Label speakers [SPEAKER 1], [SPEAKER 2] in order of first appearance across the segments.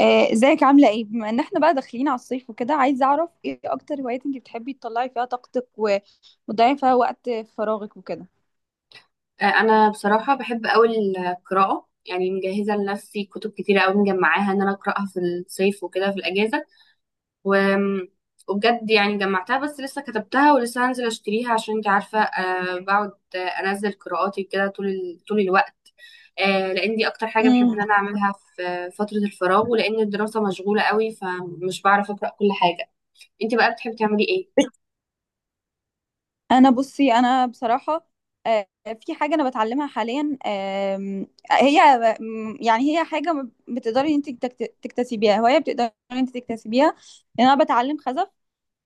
[SPEAKER 1] ازيك عاملة ايه؟ بما ان احنا بقى داخلين على الصيف وكده عايزة اعرف ايه اكتر هوايات انت بتحبي تطلعي فيها طاقتك وتضيعي فيها وقت فراغك وكده.
[SPEAKER 2] انا بصراحه بحب قوي القراءه. يعني مجهزه لنفسي كتب كتيره قوي مجمعاها ان انا اقراها في الصيف وكده في الاجازه. و... وبجد يعني جمعتها، بس لسه كتبتها ولسه هنزل اشتريها، عشان انت عارفه. بقعد انزل قراءاتي كده طول طول الوقت. لان دي اكتر حاجه بحب
[SPEAKER 1] امم
[SPEAKER 2] ان انا اعملها في فتره الفراغ، ولان الدراسه مشغوله قوي فمش بعرف اقرا كل حاجه. انت بقى بتحبي تعملي ايه؟
[SPEAKER 1] انا بصراحة، آه، في حاجة انا بتعلمها حاليا. هي يعني هي حاجة بتقدري انت تكتسبيها، هواية بتقدري انت تكتسبيها، لان انا بتعلم خزف.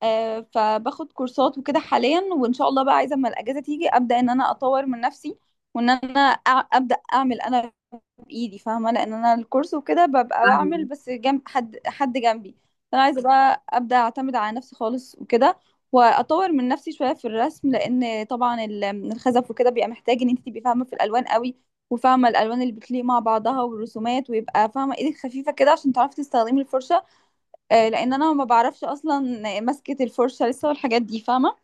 [SPEAKER 1] فباخد كورسات وكده حاليا، وان شاء الله بقى عايزة اما الاجازة تيجي ابدأ ان انا اطور من نفسي، وان انا ابدا اعمل انا بايدي، فاهمه. لان انا الكورس وكده ببقى بعمل
[SPEAKER 2] فاهمه.
[SPEAKER 1] بس جنب حد جنبي. فانا عايزه بقى ابدا اعتمد على نفسي خالص وكده، واطور من نفسي شويه في الرسم، لان طبعا الخزف وكده بيبقى محتاج ان انت تبقي فاهمه في الالوان قوي، وفاهمه الالوان اللي بتليق مع بعضها والرسومات، ويبقى فاهمه ايدك خفيفه كده عشان تعرفي تستخدمي الفرشه. لان انا ما بعرفش اصلا مسكه الفرشه لسه والحاجات دي، فاهمه.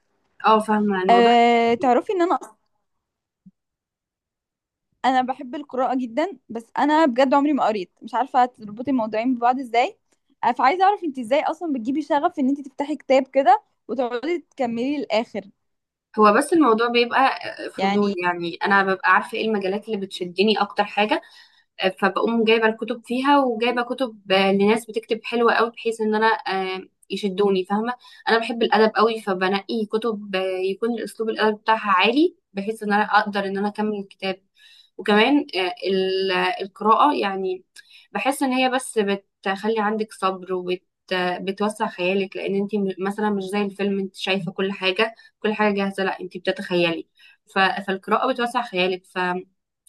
[SPEAKER 2] اه، فاهمه الموضوع.
[SPEAKER 1] تعرفي ان انا، انا بحب القراءة جدا، بس انا بجد عمري ما قريت، مش عارفة تربطي الموضوعين ببعض ازاي. أنا فعايزة اعرف انت ازاي اصلا بتجيبي شغف ان انت تفتحي كتاب كده وتقعدي تكملي للاخر،
[SPEAKER 2] هو بس الموضوع بيبقى فضول،
[SPEAKER 1] يعني.
[SPEAKER 2] يعني انا ببقى عارفه ايه المجالات اللي بتشدني اكتر حاجه، فبقوم جايبه الكتب فيها وجايبه كتب لناس بتكتب حلوه قوي، بحيث ان انا يشدوني، فاهمه. انا بحب الادب قوي، فبنقي كتب يكون الاسلوب الادب بتاعها عالي، بحيث ان انا اقدر ان انا اكمل الكتاب. وكمان القراءه يعني بحس ان هي بس بتخلي عندك صبر، بتوسع خيالك، لان انت مثلا مش زي الفيلم انت شايفه كل حاجه، كل حاجه جاهزه. لا، انت بتتخيلي. فالقراءه بتوسع خيالك.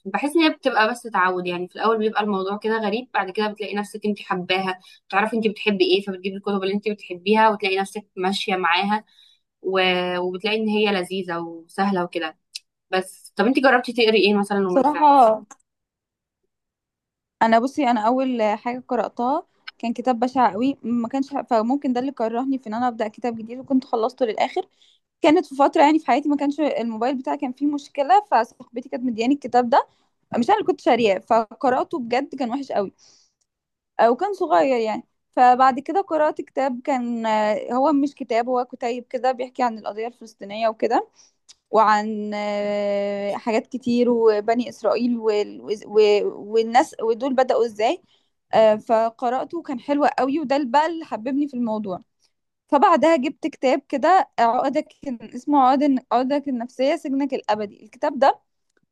[SPEAKER 2] بحس ان هي بتبقى بس تعود، يعني في الاول بيبقى الموضوع كده غريب، بعد كده بتلاقي نفسك انت حباها، بتعرفي انت بتحبي ايه، فبتجيبي الكتب اللي انت بتحبيها وتلاقي نفسك ماشيه معاها. و... وبتلاقي ان هي لذيذه وسهله وكده. بس طب انت جربتي تقري ايه مثلا ومن فعل؟
[SPEAKER 1] بصراحة انا اول حاجة قرأتها كان كتاب بشع قوي، ما كانش، فممكن ده اللي كرهني في ان انا ابدا كتاب جديد، وكنت خلصته للاخر. كانت في فتره يعني في حياتي ما كانش الموبايل بتاعي، كان فيه مشكله، فصاحبتي كانت مدياني الكتاب ده، مش انا اللي كنت شارياه، فقراته بجد كان وحش قوي. وكان صغير يعني. فبعد كده قرأت كتاب كان، هو مش كتاب هو كتيب كده، بيحكي عن القضية الفلسطينية وكده، وعن حاجات كتير، وبني إسرائيل والناس ودول بدأوا إزاي. فقرأته وكان حلو قوي، وده اللي بقى اللي حببني في الموضوع. فبعدها جبت كتاب كده عقدك، اسمه عقدك النفسية سجنك الأبدي، الكتاب ده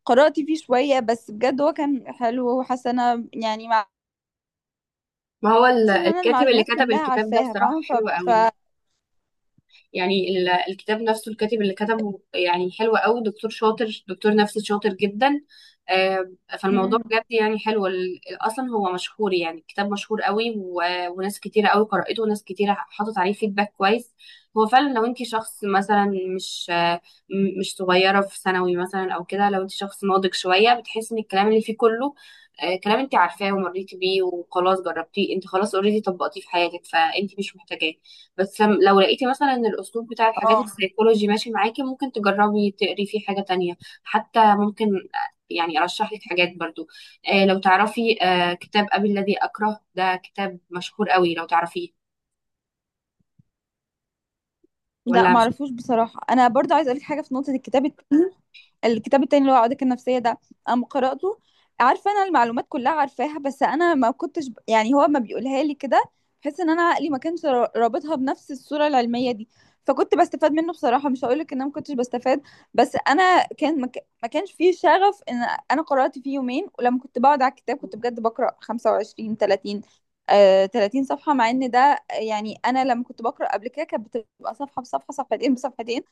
[SPEAKER 1] قرأت فيه شوية، بس بجد هو كان حلو وحسنة يعني،
[SPEAKER 2] ما هو
[SPEAKER 1] بس ان انا
[SPEAKER 2] الكاتب اللي
[SPEAKER 1] المعلومات
[SPEAKER 2] كتب
[SPEAKER 1] كلها
[SPEAKER 2] الكتاب ده
[SPEAKER 1] عارفاها،
[SPEAKER 2] بصراحه
[SPEAKER 1] فاهمه، ف
[SPEAKER 2] حلو
[SPEAKER 1] ف
[SPEAKER 2] قوي. يعني الكتاب نفسه، الكاتب اللي كتبه يعني حلو قوي، دكتور شاطر، دكتور نفسي شاطر جدا. آه، فالموضوع
[SPEAKER 1] مم.
[SPEAKER 2] بجد يعني حلو. اصلا هو مشهور، يعني الكتاب مشهور قوي، وناس كتيره قوي قرأته، وناس كتيره حطت عليه فيدباك كويس. هو فعلا لو انت شخص مثلا مش آه، م- مش صغيره في ثانوي مثلا او كده، لو انت شخص ناضج شويه بتحسي ان الكلام اللي فيه كله كلام انت عارفاه ومريتي بيه وخلاص جربتيه انت، خلاص اوريدي طبقتيه في حياتك، فانت مش محتاجاه. بس لم- لو لقيتي مثلا ان الاسلوب بتاع الحاجات
[SPEAKER 1] اه،
[SPEAKER 2] السيكولوجي ماشي معاكي، ممكن تجربي تقري فيه حاجة تانية. حتى ممكن يعني ارشح لك حاجات برضو. لو تعرفي كتاب ابي الذي اكره، ده كتاب مشهور قوي، لو تعرفيه
[SPEAKER 1] لا
[SPEAKER 2] ولا مش.
[SPEAKER 1] معرفوش بصراحه. انا برضو عايزه اقولك حاجه في نقطه الكتاب التاني. الكتاب التاني اللي هو عقدك النفسية ده، قام قرأته عارفة أنا المعلومات كلها عارفاها، بس أنا ما كنتش يعني هو ما بيقولها لي كده بحيث إن أنا عقلي ما كانش رابطها بنفس الصورة العلمية دي، فكنت بستفاد منه بصراحة، مش هقولك إن أنا ما كنتش بستفاد، بس أنا كان ما كانش فيه شغف. إن أنا قرأت فيه يومين، ولما كنت بقعد على الكتاب كنت بجد بقرأ 25 30 30 صفحة، مع إن ده يعني أنا لما كنت بقرأ قبل كده كانت بتبقى صفحة بصفحة، صفحتين بصفحتين.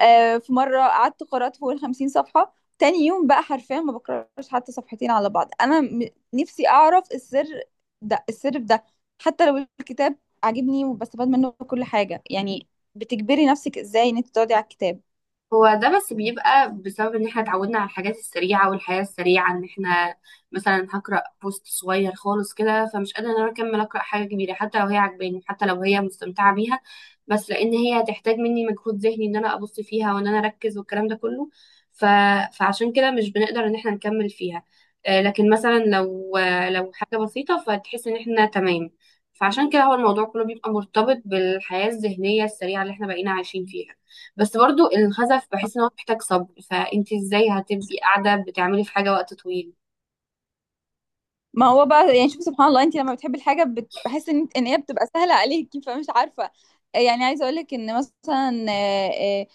[SPEAKER 1] في مرة قعدت قرأت فوق الخمسين صفحة، تاني يوم بقى حرفيا ما بقراش حتى صفحتين على بعض. أنا نفسي أعرف السر ده، السر في ده، حتى لو الكتاب عاجبني وبستفاد منه كل حاجة يعني، بتجبري نفسك ازاي ان انت تقعدي على الكتاب؟
[SPEAKER 2] هو ده بس بيبقى بسبب ان احنا اتعودنا على الحاجات السريعة والحياة السريعة، ان احنا مثلا هقرأ بوست صغير خالص كده، فمش قادرة ان انا اكمل اقرأ حاجة كبيرة حتى لو هي عجباني، حتى لو هي مستمتعة بيها، بس لان هي هتحتاج مني مجهود ذهني ان انا ابص فيها وان انا اركز، والكلام ده كله. ف... فعشان كده مش بنقدر ان احنا نكمل فيها. لكن مثلا لو لو حاجة بسيطة فتحس ان احنا تمام. فعشان كده هو الموضوع كله بيبقى مرتبط بالحياة الذهنية السريعة اللي احنا بقينا عايشين فيها. بس برضو الخزف بحس ان هو محتاج صبر، فانت ازاي هتبقي قاعده بتعملي في حاجه وقت طويل؟
[SPEAKER 1] ما هو بقى يعني شوفي سبحان الله، انت لما بتحبي الحاجة بحس ان ان هي بتبقى سهلة عليكي، فمش عارفة يعني. عايزة اقولك ان مثلا آه،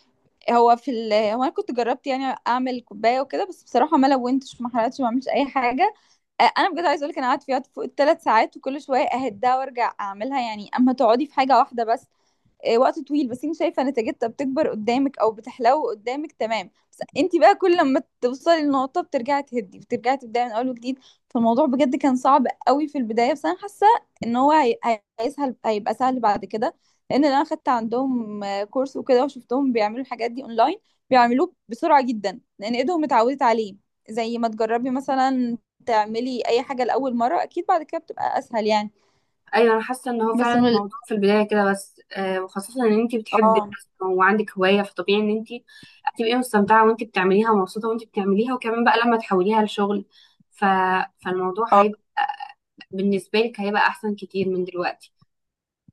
[SPEAKER 1] آه، هو في ال هو انا كنت جربت يعني اعمل كوبايه وكده، بس بصراحه ما لونتش ما حرقتش ما عملتش اي حاجه. انا بجد عايزه اقول لك، انا قعدت فيها فوق الثلاث ساعات، وكل شويه اهدها وارجع اعملها، يعني اما تقعدي في حاجه واحده بس وقت طويل، بس انت شايفه نتيجتها بتكبر قدامك او بتحلو قدامك، تمام، بس انت بقى كل لما توصلي للنقطه بترجعي تهدي، بترجعي تبداي من اول وجديد. فالموضوع بجد كان صعب قوي في البدايه، بس انا حاسه ان هو هي- هي- هيسهل هيبقى سهل بعد كده، لان انا خدت عندهم كورس وكده، وشفتهم بيعملوا الحاجات دي اونلاين، بيعملوه بسرعه جدا لان ايدهم اتعودت عليه. زي ما تجربي مثلا تعملي اي حاجه لاول مره، اكيد بعد كده بتبقى اسهل يعني.
[SPEAKER 2] ايوه، انا حاسه ان هو
[SPEAKER 1] بس
[SPEAKER 2] فعلا
[SPEAKER 1] انه،
[SPEAKER 2] الموضوع في البدايه كده، بس وخاصه ان انت بتحبي
[SPEAKER 1] اه،
[SPEAKER 2] الرسم وعندك هوايه، فطبيعي ان انت هتبقي مستمتعه وانت بتعمليها، ومبسوطه وانت بتعمليها، وكمان بقى لما تحوليها لشغل. ف... فالموضوع
[SPEAKER 1] اه،
[SPEAKER 2] هيبقى بالنسبه لك هيبقى احسن كتير من دلوقتي.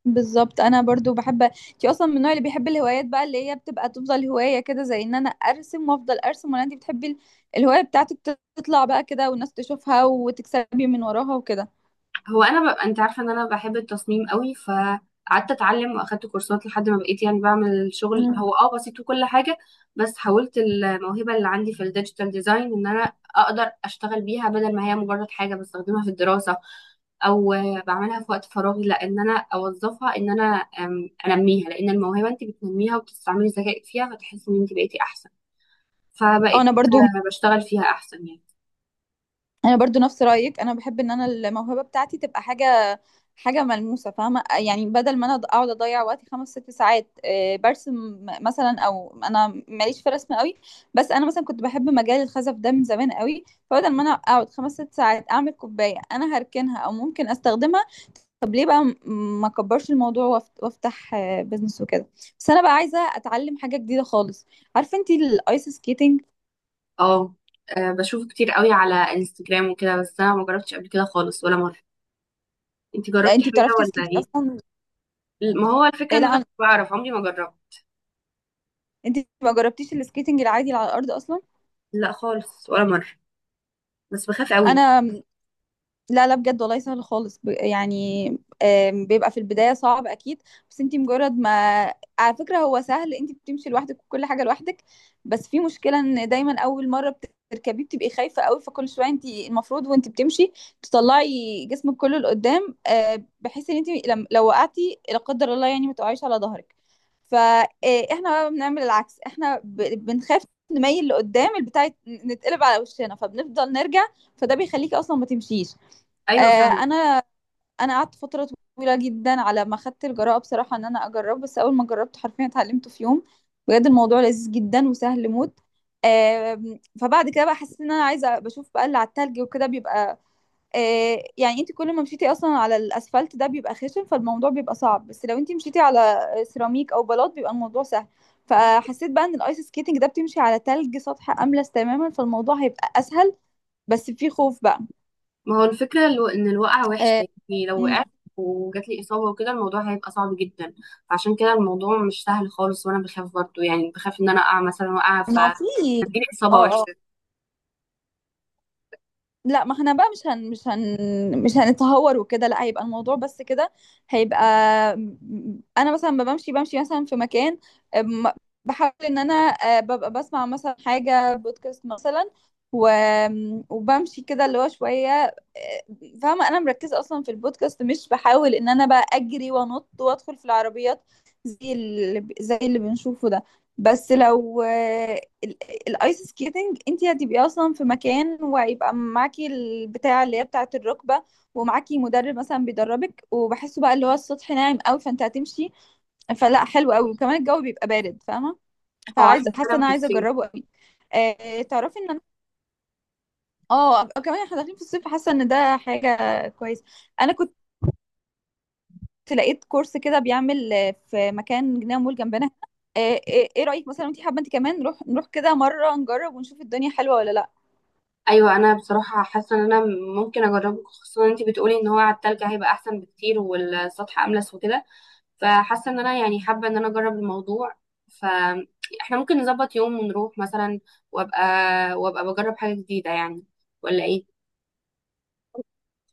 [SPEAKER 1] بالظبط. انا برضو بحب، انتي اصلا من النوع اللي بيحب الهوايات بقى، اللي هي بتبقى تفضل هوايه كده زي ان انا ارسم وافضل ارسم، ولا انتي بتحبي الهوايه بتاعتك تطلع بقى كده والناس تشوفها وتكسبي من وراها وكده؟
[SPEAKER 2] هو انا ببقى انت عارفه ان انا بحب التصميم قوي، فقعدت اتعلم واخدت كورسات لحد ما بقيت يعني بعمل شغل،
[SPEAKER 1] مم.
[SPEAKER 2] هو بسيط وكل حاجه. بس حولت الموهبه اللي عندي في الديجيتال ديزاين ان انا اقدر اشتغل بيها، بدل ما هي مجرد حاجه بستخدمها في الدراسه او بعملها في وقت فراغي. لا، ان انا اوظفها، ان انا انميها، لان الموهبه انت بتنميها وبتستعملي ذكائك فيها، فتحسي ان انت بقيتي احسن. فبقيت
[SPEAKER 1] انا برضو
[SPEAKER 2] بشتغل فيها احسن يعني.
[SPEAKER 1] انا برضو نفس رايك، انا بحب ان انا الموهبه بتاعتي تبقى حاجه، حاجه ملموسه، فاهمه يعني، بدل ما انا اقعد اضيع وقتي خمس ست ساعات برسم مثلا، او انا ماليش في الرسم قوي، بس انا مثلا كنت بحب مجال الخزف ده من زمان قوي، فبدل ما انا اقعد خمس ست ساعات اعمل كوبايه انا هركنها، او ممكن استخدمها. طب ليه بقى ما اكبرش الموضوع وافتح بيزنس وكده؟ بس انا بقى عايزه اتعلم حاجه جديده خالص. عارفه انتي الايس سكيتنج؟
[SPEAKER 2] اه. بشوفه كتير قوي على انستجرام وكده، بس انا ما جربتش قبل كده خالص ولا مره. انتي
[SPEAKER 1] لا
[SPEAKER 2] جربتي
[SPEAKER 1] انتي بتعرفي
[SPEAKER 2] حاجه ولا
[SPEAKER 1] تسكيتي
[SPEAKER 2] ايه؟
[SPEAKER 1] اصلا؟
[SPEAKER 2] ما هو الفكره
[SPEAKER 1] إيه،
[SPEAKER 2] ان انا
[SPEAKER 1] لا.
[SPEAKER 2] مش بعرف، عمري ما جربت.
[SPEAKER 1] انت ما جربتيش السكيتنج العادي اللي على الارض اصلا؟
[SPEAKER 2] لا، خالص ولا مره، بس بخاف قوي.
[SPEAKER 1] انا لا، لا بجد والله سهل خالص. يعني، بيبقى في البداية صعب أكيد، بس انتي مجرد ما، على فكرة هو سهل، انتي بتمشي لوحدك وكل حاجة لوحدك، بس في مشكلة ان دايما أول مرة بتركبي بتبقي خايفة قوي، فكل شوية انتي المفروض وانتي بتمشي تطلعي جسمك كله لقدام، بحيث ان انتي لم... لو وقعتي لا قدر الله يعني ما تقعيش على ظهرك. فاحنا بقى بنعمل العكس، احنا بنخاف نميل لقدام، البتاع نتقلب على وشنا، فبنفضل نرجع، فده بيخليكي اصلا ما تمشيش.
[SPEAKER 2] ايوه،
[SPEAKER 1] آه،
[SPEAKER 2] فاهمه.
[SPEAKER 1] انا انا قعدت فتره طويله جدا على ما خدت الجراءه بصراحه ان انا اجرب، بس اول ما جربت حرفيا اتعلمته في يوم. بجد الموضوع لذيذ جدا وسهل موت. فبعد كده بقى حسيت ان انا عايزه، بشوف بقى اللي على التلج وكده بيبقى، يعني انت كل ما مشيتي اصلا على الاسفلت ده بيبقى خشن، فالموضوع بيبقى صعب، بس لو انت مشيتي على سيراميك او بلاط بيبقى الموضوع سهل. فحسيت بقى ان الايس سكيتنج ده بتمشي على تلج سطح املس تماما، فالموضوع هيبقى اسهل، بس في خوف بقى.
[SPEAKER 2] ما هو الفكره ان الوقعه وحشه
[SPEAKER 1] آه،
[SPEAKER 2] يعني، لو
[SPEAKER 1] مم.
[SPEAKER 2] وقعت وجات لي اصابه وكده، الموضوع هيبقى صعب جدا. عشان كده الموضوع مش سهل خالص، وانا بخاف برضه، يعني بخاف ان انا اقع مثلا وقعه
[SPEAKER 1] ما في
[SPEAKER 2] هتجيلي اصابه
[SPEAKER 1] اه، اه،
[SPEAKER 2] وحشه.
[SPEAKER 1] لا، ما احنا بقى مش هنتهور وكده، لا هيبقى الموضوع بس كده، هيبقى. انا مثلا ما بمشي، بمشي مثلا في مكان، أم- بحاول ان انا ببقى بسمع مثلا حاجة بودكاست مثلا، و... وبمشي كده اللي هو شوية، فاهمة انا مركزة اصلا في البودكاست، مش بحاول ان انا بقى اجري وانط وادخل في العربيات زي اللي زي اللي بنشوفه ده. بس لو ال- الايس سكيتنج انت هتبقي اصلا في مكان، وهيبقى معاكي البتاع اللي هي بتاعه الركبه، ومعاكي مدرب مثلا بيدربك، وبحسه بقى اللي هو السطح ناعم قوي فانت هتمشي. فلا، حلو قوي، وكمان الجو بيبقى بارد فاهمه.
[SPEAKER 2] اه، احنا
[SPEAKER 1] فعايزه، حاسه
[SPEAKER 2] فعلا
[SPEAKER 1] ان
[SPEAKER 2] في
[SPEAKER 1] انا عايزه
[SPEAKER 2] الصيف.
[SPEAKER 1] اجربه قوي. تعرفي ان انا، اه، كمان احنا داخلين في الصيف، حاسه ان ده حاجه كويسه. انا كنت لقيت كورس كده بيعمل في مكان جنينه مول جنبنا. آه، آه، ايه رايك مثلا؟ انت حابه انت كمان نروح كده مره نجرب ونشوف الدنيا حلوه ولا لا؟
[SPEAKER 2] ايوه، انا بصراحه حاسه ان انا ممكن اجربه، خصوصا ان انت بتقولي ان هو على التلج هيبقى احسن بكتير والسطح املس وكده. فحاسه ان انا يعني حابه ان انا اجرب الموضوع. فاحنا ممكن نظبط يوم ونروح مثلا، وابقى وابقى بجرب حاجه جديده يعني، ولا ايه؟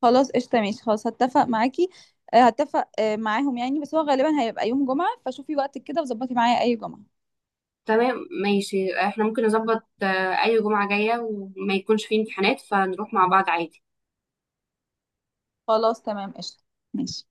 [SPEAKER 1] خلاص قشطة، ماشي، خلاص هتفق معاكي. هتفق معاهم يعني، بس هو غالبا هيبقى يوم جمعة، فشوفي وقتك كده وظبطي معايا أي جمعة.
[SPEAKER 2] تمام. ماشي، احنا ممكن نظبط اي جمعه جايه وما يكونش فيه امتحانات، فنروح مع بعض عادي.
[SPEAKER 1] خلاص تمام قشطة، ماشي.